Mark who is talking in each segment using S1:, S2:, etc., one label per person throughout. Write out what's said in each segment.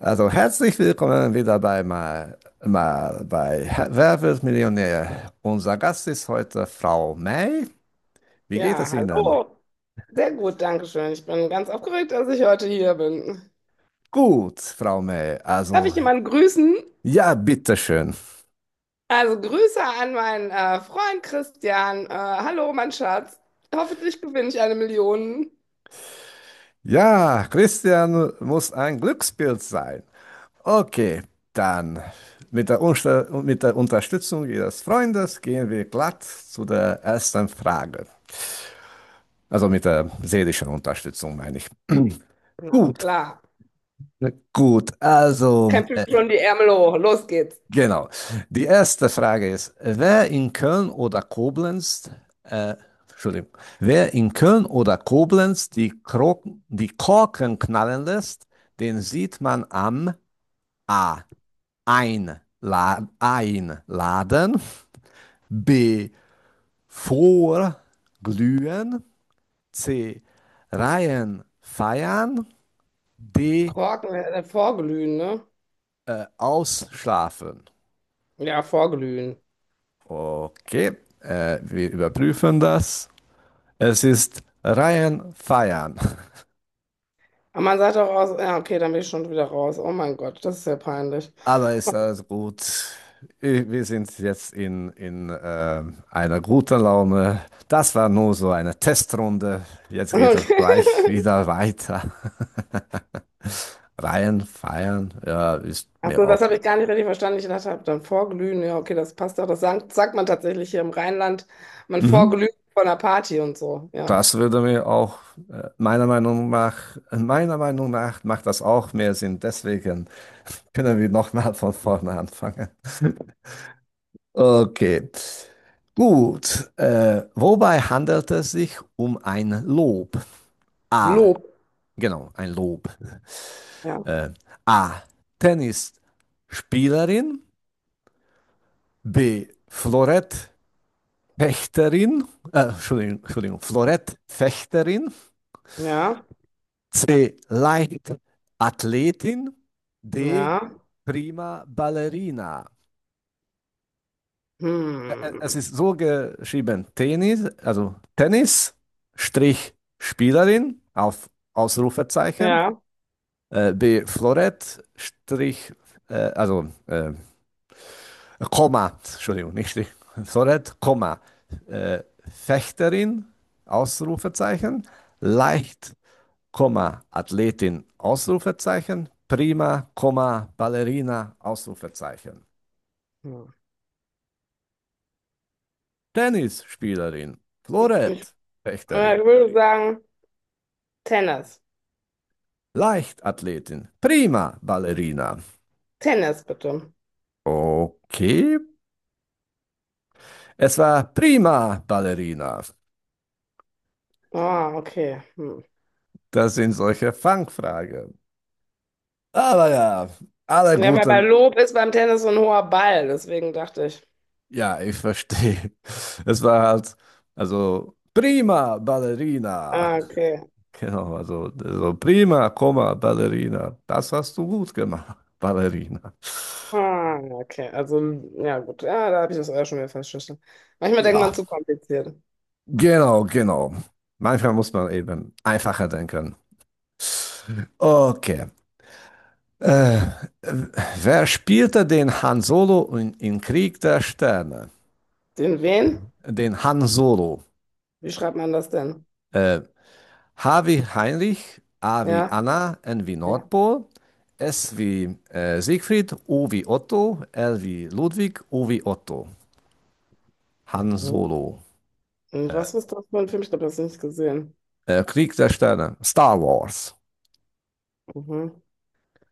S1: Also herzlich willkommen wieder bei mal, mal bei Herr- Wer wird Millionär? Unser Gast ist heute Frau May. Wie geht
S2: Ja,
S1: es Ihnen?
S2: hallo. Sehr gut, danke schön. Ich bin ganz aufgeregt, dass ich heute hier bin.
S1: Gut, Frau May.
S2: Darf
S1: Also
S2: ich jemanden grüßen?
S1: ja, bitteschön.
S2: Also Grüße an meinen Freund Christian. Hallo, mein Schatz. Hoffentlich gewinne ich eine Million.
S1: Ja, Christian muss ein Glückspilz sein. Okay, dann mit der Unterstützung Ihres Freundes gehen wir glatt zu der ersten Frage. Also mit der seelischen Unterstützung meine ich.
S2: Na
S1: Gut.
S2: klar.
S1: Gut, also
S2: Krempel schon die Ärmel hoch. Los geht's.
S1: genau. Die erste Frage ist, wer in Köln oder Koblenz, äh, Entschuldigung, wer in Köln oder Koblenz die Korken knallen lässt, den sieht man am A. Ein, La B. Vorglühen, C. Reihen feiern, D.
S2: Korken, vorglühen, ne?
S1: Ausschlafen.
S2: Ja, vorglühen.
S1: Okay, wir überprüfen das. Es ist Ryan Feiern,
S2: Aber man sagt auch aus, ja, okay, dann bin ich schon wieder raus. Oh mein Gott, das ist ja peinlich.
S1: aber ist alles gut. Wir sind jetzt in einer guten Laune. Das war nur so eine Testrunde. Jetzt geht es
S2: Okay.
S1: gleich wieder weiter. Ryan Feiern, ja, ist
S2: Ach
S1: mir
S2: so,
S1: auch.
S2: das habe ich gar nicht richtig verstanden. Ich dachte, hab dann vorglühen, ja, okay, das passt doch. Das sagt man tatsächlich hier im Rheinland. Man
S1: Mhm.
S2: vorglüht von einer Party und so. Ja.
S1: Das würde mir auch, äh, meiner Meinung nach, meiner Meinung nach, macht das auch mehr Sinn. Deswegen können wir nochmal von vorne anfangen. Okay. Gut. Wobei handelt es sich um ein Lob? A.
S2: Lob.
S1: Genau, ein Lob.
S2: Ja.
S1: Äh, A. Tennisspielerin. B. Florettfechterin. Entschuldigung, Entschuldigung, Florettfechterin.
S2: Ja.
S1: C. Leichtathletin. D.
S2: Ja.
S1: Prima Ballerina. Es
S2: Hm.
S1: ist so geschrieben, Tennis, also Tennis, Strich Spielerin auf Ausrufezeichen,
S2: Ja.
S1: B Florett, Strich, also Komma, Entschuldigung, nicht Strich, Florett, Komma, äh, Fechterin, Ausrufezeichen, Leicht, Komma, Athletin, Ausrufezeichen, Prima, Komma, Ballerina, Ausrufezeichen,
S2: Hm.
S1: Tennisspielerin, Florett,
S2: Ja,
S1: Fechterin.
S2: ich würde sagen, Tennis.
S1: Leichtathletin. Prima Ballerina.
S2: Tennis, bitte.
S1: Okay. Es war prima Ballerina.
S2: Ah, okay. Hm.
S1: Das sind solche Fangfragen. Aber ja, alle
S2: Ja, weil bei
S1: guten.
S2: Lob ist beim Tennis so ein hoher Ball, deswegen dachte ich.
S1: Ja, ich verstehe. Es war halt, also prima Ballerina.
S2: Ah, okay.
S1: Genau, also so prima, Komma, Ballerina. Das hast du gut gemacht, Ballerina.
S2: Ah, okay. Also, ja, gut. Ja, da habe ich das auch schon wieder festgestellt. Manchmal denkt man
S1: Ja,
S2: zu kompliziert.
S1: genau, genau. Manchmal muss man eben einfacher denken. Okay. Äh, wer spielte den Han Solo in Krieg der Sterne?
S2: Den wen?
S1: Den Han Solo.
S2: Wie schreibt man das denn?
S1: Äh, H wie Heinrich, A wie
S2: Ja,
S1: Anna, N wie
S2: ja.
S1: Nordpol, S wie Siegfried, O wie Otto, L wie Ludwig, O wie Otto. Han
S2: Mhm.
S1: Solo.
S2: Und was ist das für ein Film? Ich glaube, das habe ich nicht gesehen.
S1: Krieg der Sterne. Star Wars.
S2: Mhm.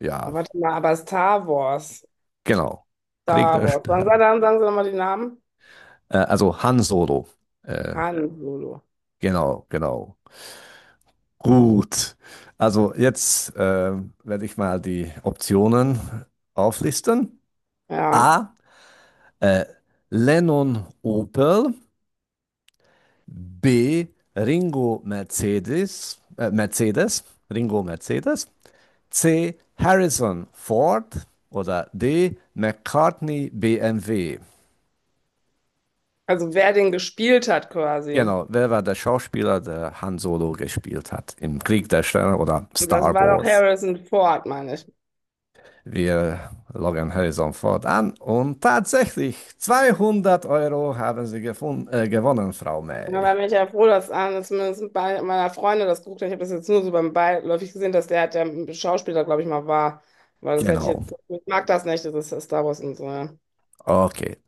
S1: Ja,
S2: Aber warte mal, aber Star Wars.
S1: genau. Krieg
S2: Star
S1: der
S2: Wars. Sagen Sie,
S1: Sterne.
S2: dann, sagen Sie nochmal den Namen.
S1: Also Han Solo. Äh,
S2: Han Solo.
S1: genau, genau. Gut, also jetzt werde ich mal die Optionen auflisten.
S2: Ja.
S1: A. Äh, Lennon Opel. B. Ringo Mercedes. Mercedes. Ringo Mercedes. C. Harrison Ford. Oder D. McCartney BMW.
S2: Also wer den gespielt hat quasi.
S1: Genau, wer war der Schauspieler, der Han Solo gespielt hat im Krieg der Sterne oder
S2: Und das
S1: Star
S2: war doch
S1: Wars?
S2: Harrison Ford, meine ich.
S1: Wir loggen Horizon Ford an und tatsächlich 200 Euro haben Sie gewonnen, Frau
S2: Da
S1: May.
S2: war ich ja froh, dass einer zumindest bei meiner Freunde das geguckt hat. Ich habe das jetzt nur so beim Beiläufig gesehen, dass der Schauspieler, glaube ich, mal war. Weil das hätte ich
S1: Genau.
S2: jetzt. Ich mag das nicht, das ist Star Wars und so. Ja.
S1: Okay.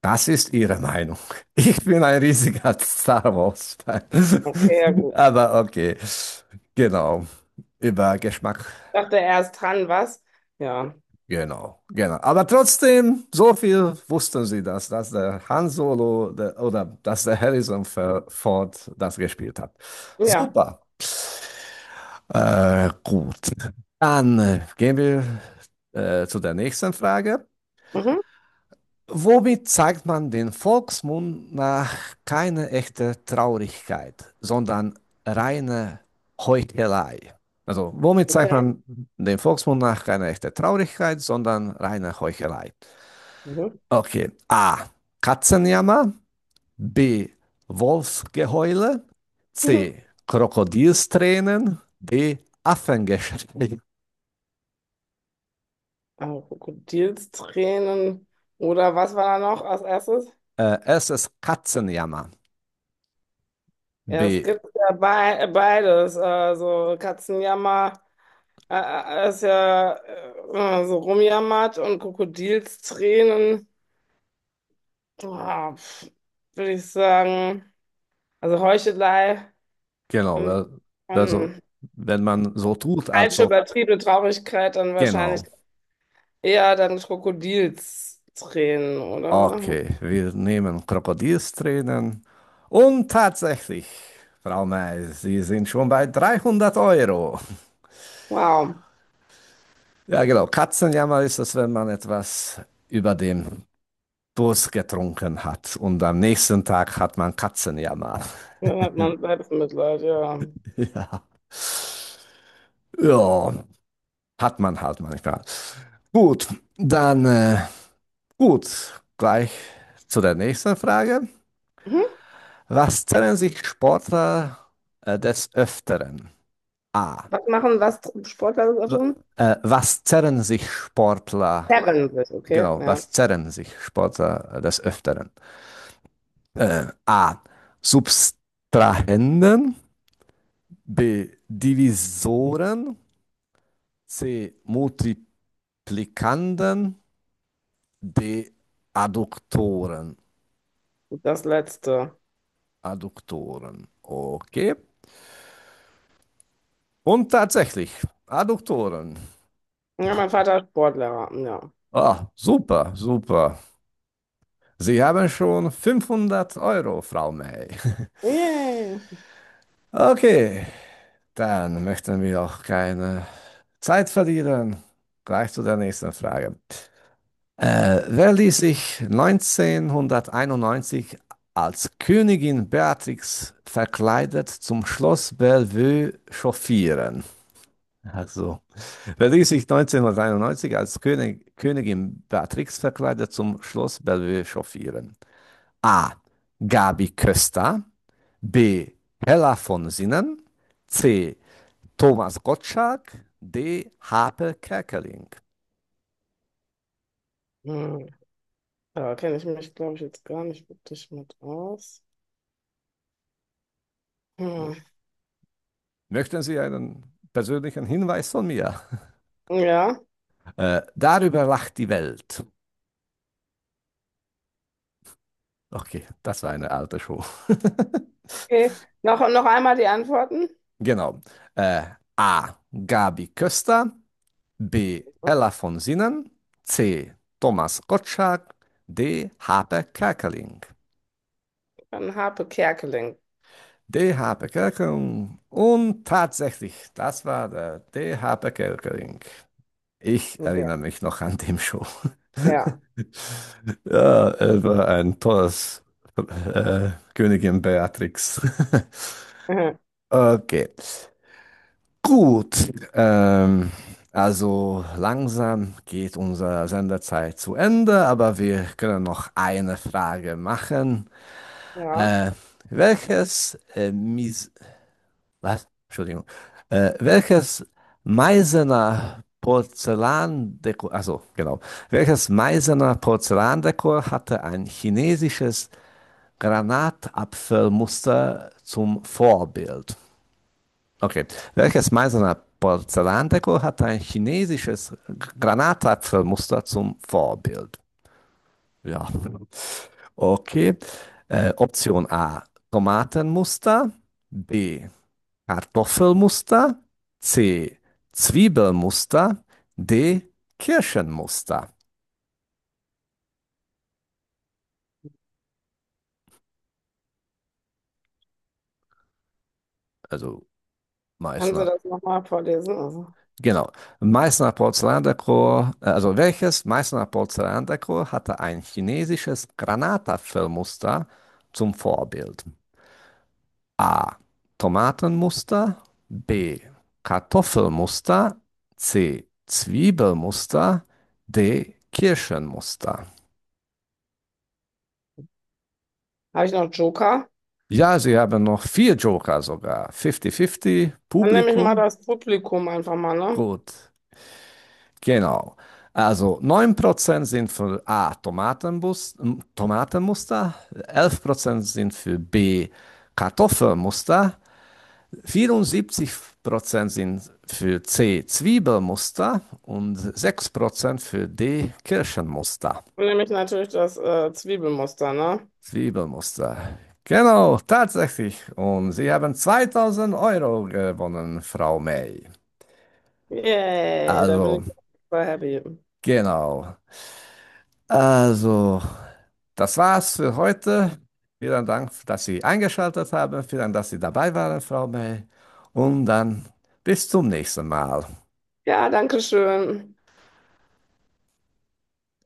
S1: Das ist Ihre Meinung. Ich bin ein riesiger Star Wars-Fan.
S2: Okay, ja, gut.
S1: Aber okay. Genau. Über Geschmack.
S2: Dachte er ist dran, was? Ja.
S1: Genau. Genau. Aber trotzdem, so viel wussten Sie das, dass der Han Solo oder dass der Harrison Ford das gespielt hat.
S2: Ja.
S1: Super. Gut. Dann gehen wir zu der nächsten Frage.
S2: Mhm.
S1: Womit zeigt man den Volksmund nach keine echte Traurigkeit, sondern reine Heuchelei? Also, womit zeigt
S2: Okay.
S1: man den Volksmund nach keine echte Traurigkeit, sondern reine Heuchelei?
S2: Mhm.
S1: Okay. A. Katzenjammer. B. Wolfsgeheule.
S2: Mhm.
S1: C. Krokodilstränen. D. Affengeschrei.
S2: Also Krokodilstränen. Oder was war da noch als erstes?
S1: Es ist Katzenjammer.
S2: Ja, es
S1: B.
S2: gibt ja bei, beides. Also Katzenjammer ist ja so rumjammert und Krokodilstränen. Ah, pf, würde ich sagen. Also Heuchelei
S1: Genau.
S2: und,
S1: Also,
S2: und
S1: wenn man so tut, als
S2: falsche
S1: ob.
S2: übertriebene Traurigkeit dann wahrscheinlich.
S1: Genau.
S2: Eher dann Krokodilstränen, oder?
S1: Okay, wir nehmen Krokodilstränen. Und tatsächlich, Frau May, Sie sind schon bei 300 Euro.
S2: Wow.
S1: Ja, genau. Katzenjammer ist es, wenn man etwas über den Durst getrunken hat. Und am nächsten Tag hat man Katzenjammer.
S2: Dann hat man Selbstmitleid, ja.
S1: Ja. Ja, hat man halt manchmal. Gut, dann. Gut, gleich zu der nächsten Frage.
S2: Mhm.
S1: Was zerren sich Sportler des Öfteren? A.
S2: Was machen, was tr- Sportler das auch
S1: W-
S2: tun?
S1: was zerren sich Sportler?
S2: Zerren sich, okay,
S1: Genau,
S2: ja.
S1: was zerren sich Sportler des Öfteren? A. Subtrahenden. B. Divisoren. C. Multiplikanden. D. Adduktoren.
S2: Und das Letzte.
S1: Adduktoren. Okay. Und tatsächlich, Adduktoren.
S2: Ja, mein Vater ist Sportlehrer, ja.
S1: Ah, super, super. Sie haben schon 500 Euro, Frau May.
S2: Yay.
S1: Okay, dann möchten wir auch keine Zeit verlieren. Gleich zu der nächsten Frage. Wer ließ sich 1991 als Königin Beatrix verkleidet zum Schloss Bellevue chauffieren? Also, wer ließ sich 1991 als Königin Beatrix verkleidet zum Schloss Bellevue chauffieren? A. Gabi Köster, B. Hella von Sinnen, C. Thomas Gottschalk, D. Hape Kerkeling.
S2: Hm. Da kenne ich mich, glaube ich, jetzt gar nicht wirklich mit aus. Hm.
S1: Möchten Sie einen persönlichen Hinweis von mir?
S2: Ja,
S1: Darüber lacht die Welt. Okay, das war eine alte Show.
S2: okay. Noch, noch einmal die Antworten.
S1: Genau. Äh, A. Gabi Köster, B. Hella von Sinnen, C. Thomas Gottschalk, D. Hape Kerkeling.
S2: Dann Harpe Kerkeling.
S1: DH Bevölkerung. Und tatsächlich, das war der DH Bevölkerung. Ich
S2: Ja.
S1: erinnere mich noch an dem Show.
S2: Ja.
S1: Ja, er war ein tolles Königin Beatrix.
S2: Mhm.
S1: Okay. Gut. Also langsam geht unsere Sendezeit zu Ende, aber wir können noch eine Frage machen.
S2: Ja.
S1: Äh, welches Mis Was? Entschuldigung. Welches Meißener Porzellandekor, also genau, welches Meißener Porzellandekor hatte ein chinesisches Granatapfelmuster zum Vorbild? Okay, welches Meißener Porzellandekor hatte ein chinesisches Granatapfelmuster zum Vorbild? Ja, okay. Option A, Tomatenmuster. B. Kartoffelmuster, C. Zwiebelmuster, D. Kirschenmuster. Also
S2: Kannst du
S1: Meißner.
S2: das nochmal vorlesen? Also,
S1: Genau. Meißner Porzellandekor, also welches Meißner Porzellandekor hatte ein chinesisches Granatapfelmuster zum Vorbild? A. Tomatenmuster, B. Kartoffelmuster, C. Zwiebelmuster, D. Kirschenmuster.
S2: habe ich noch Joker?
S1: Ja, sie haben noch vier Joker sogar. 50-50,
S2: Dann nehme ich mal
S1: Publikum,
S2: das Publikum einfach mal, ne?
S1: gut. Genau. Also 9% sind für A, Tomatenmuster, 11% sind für B, Kartoffelmuster, 74% sind für C, Zwiebelmuster und 6% für D, Kirschenmuster.
S2: Dann nehme ich natürlich das Zwiebelmuster, ne?
S1: Zwiebelmuster. Genau, tatsächlich. Und Sie haben 2000 Euro gewonnen, Frau May.
S2: Yay, da bin
S1: Also,
S2: ich super happy.
S1: genau. Also, das war's für heute. Vielen Dank, dass Sie eingeschaltet haben. Vielen Dank, dass Sie dabei waren, Frau May. Und dann bis zum nächsten Mal.
S2: Ja, danke schön.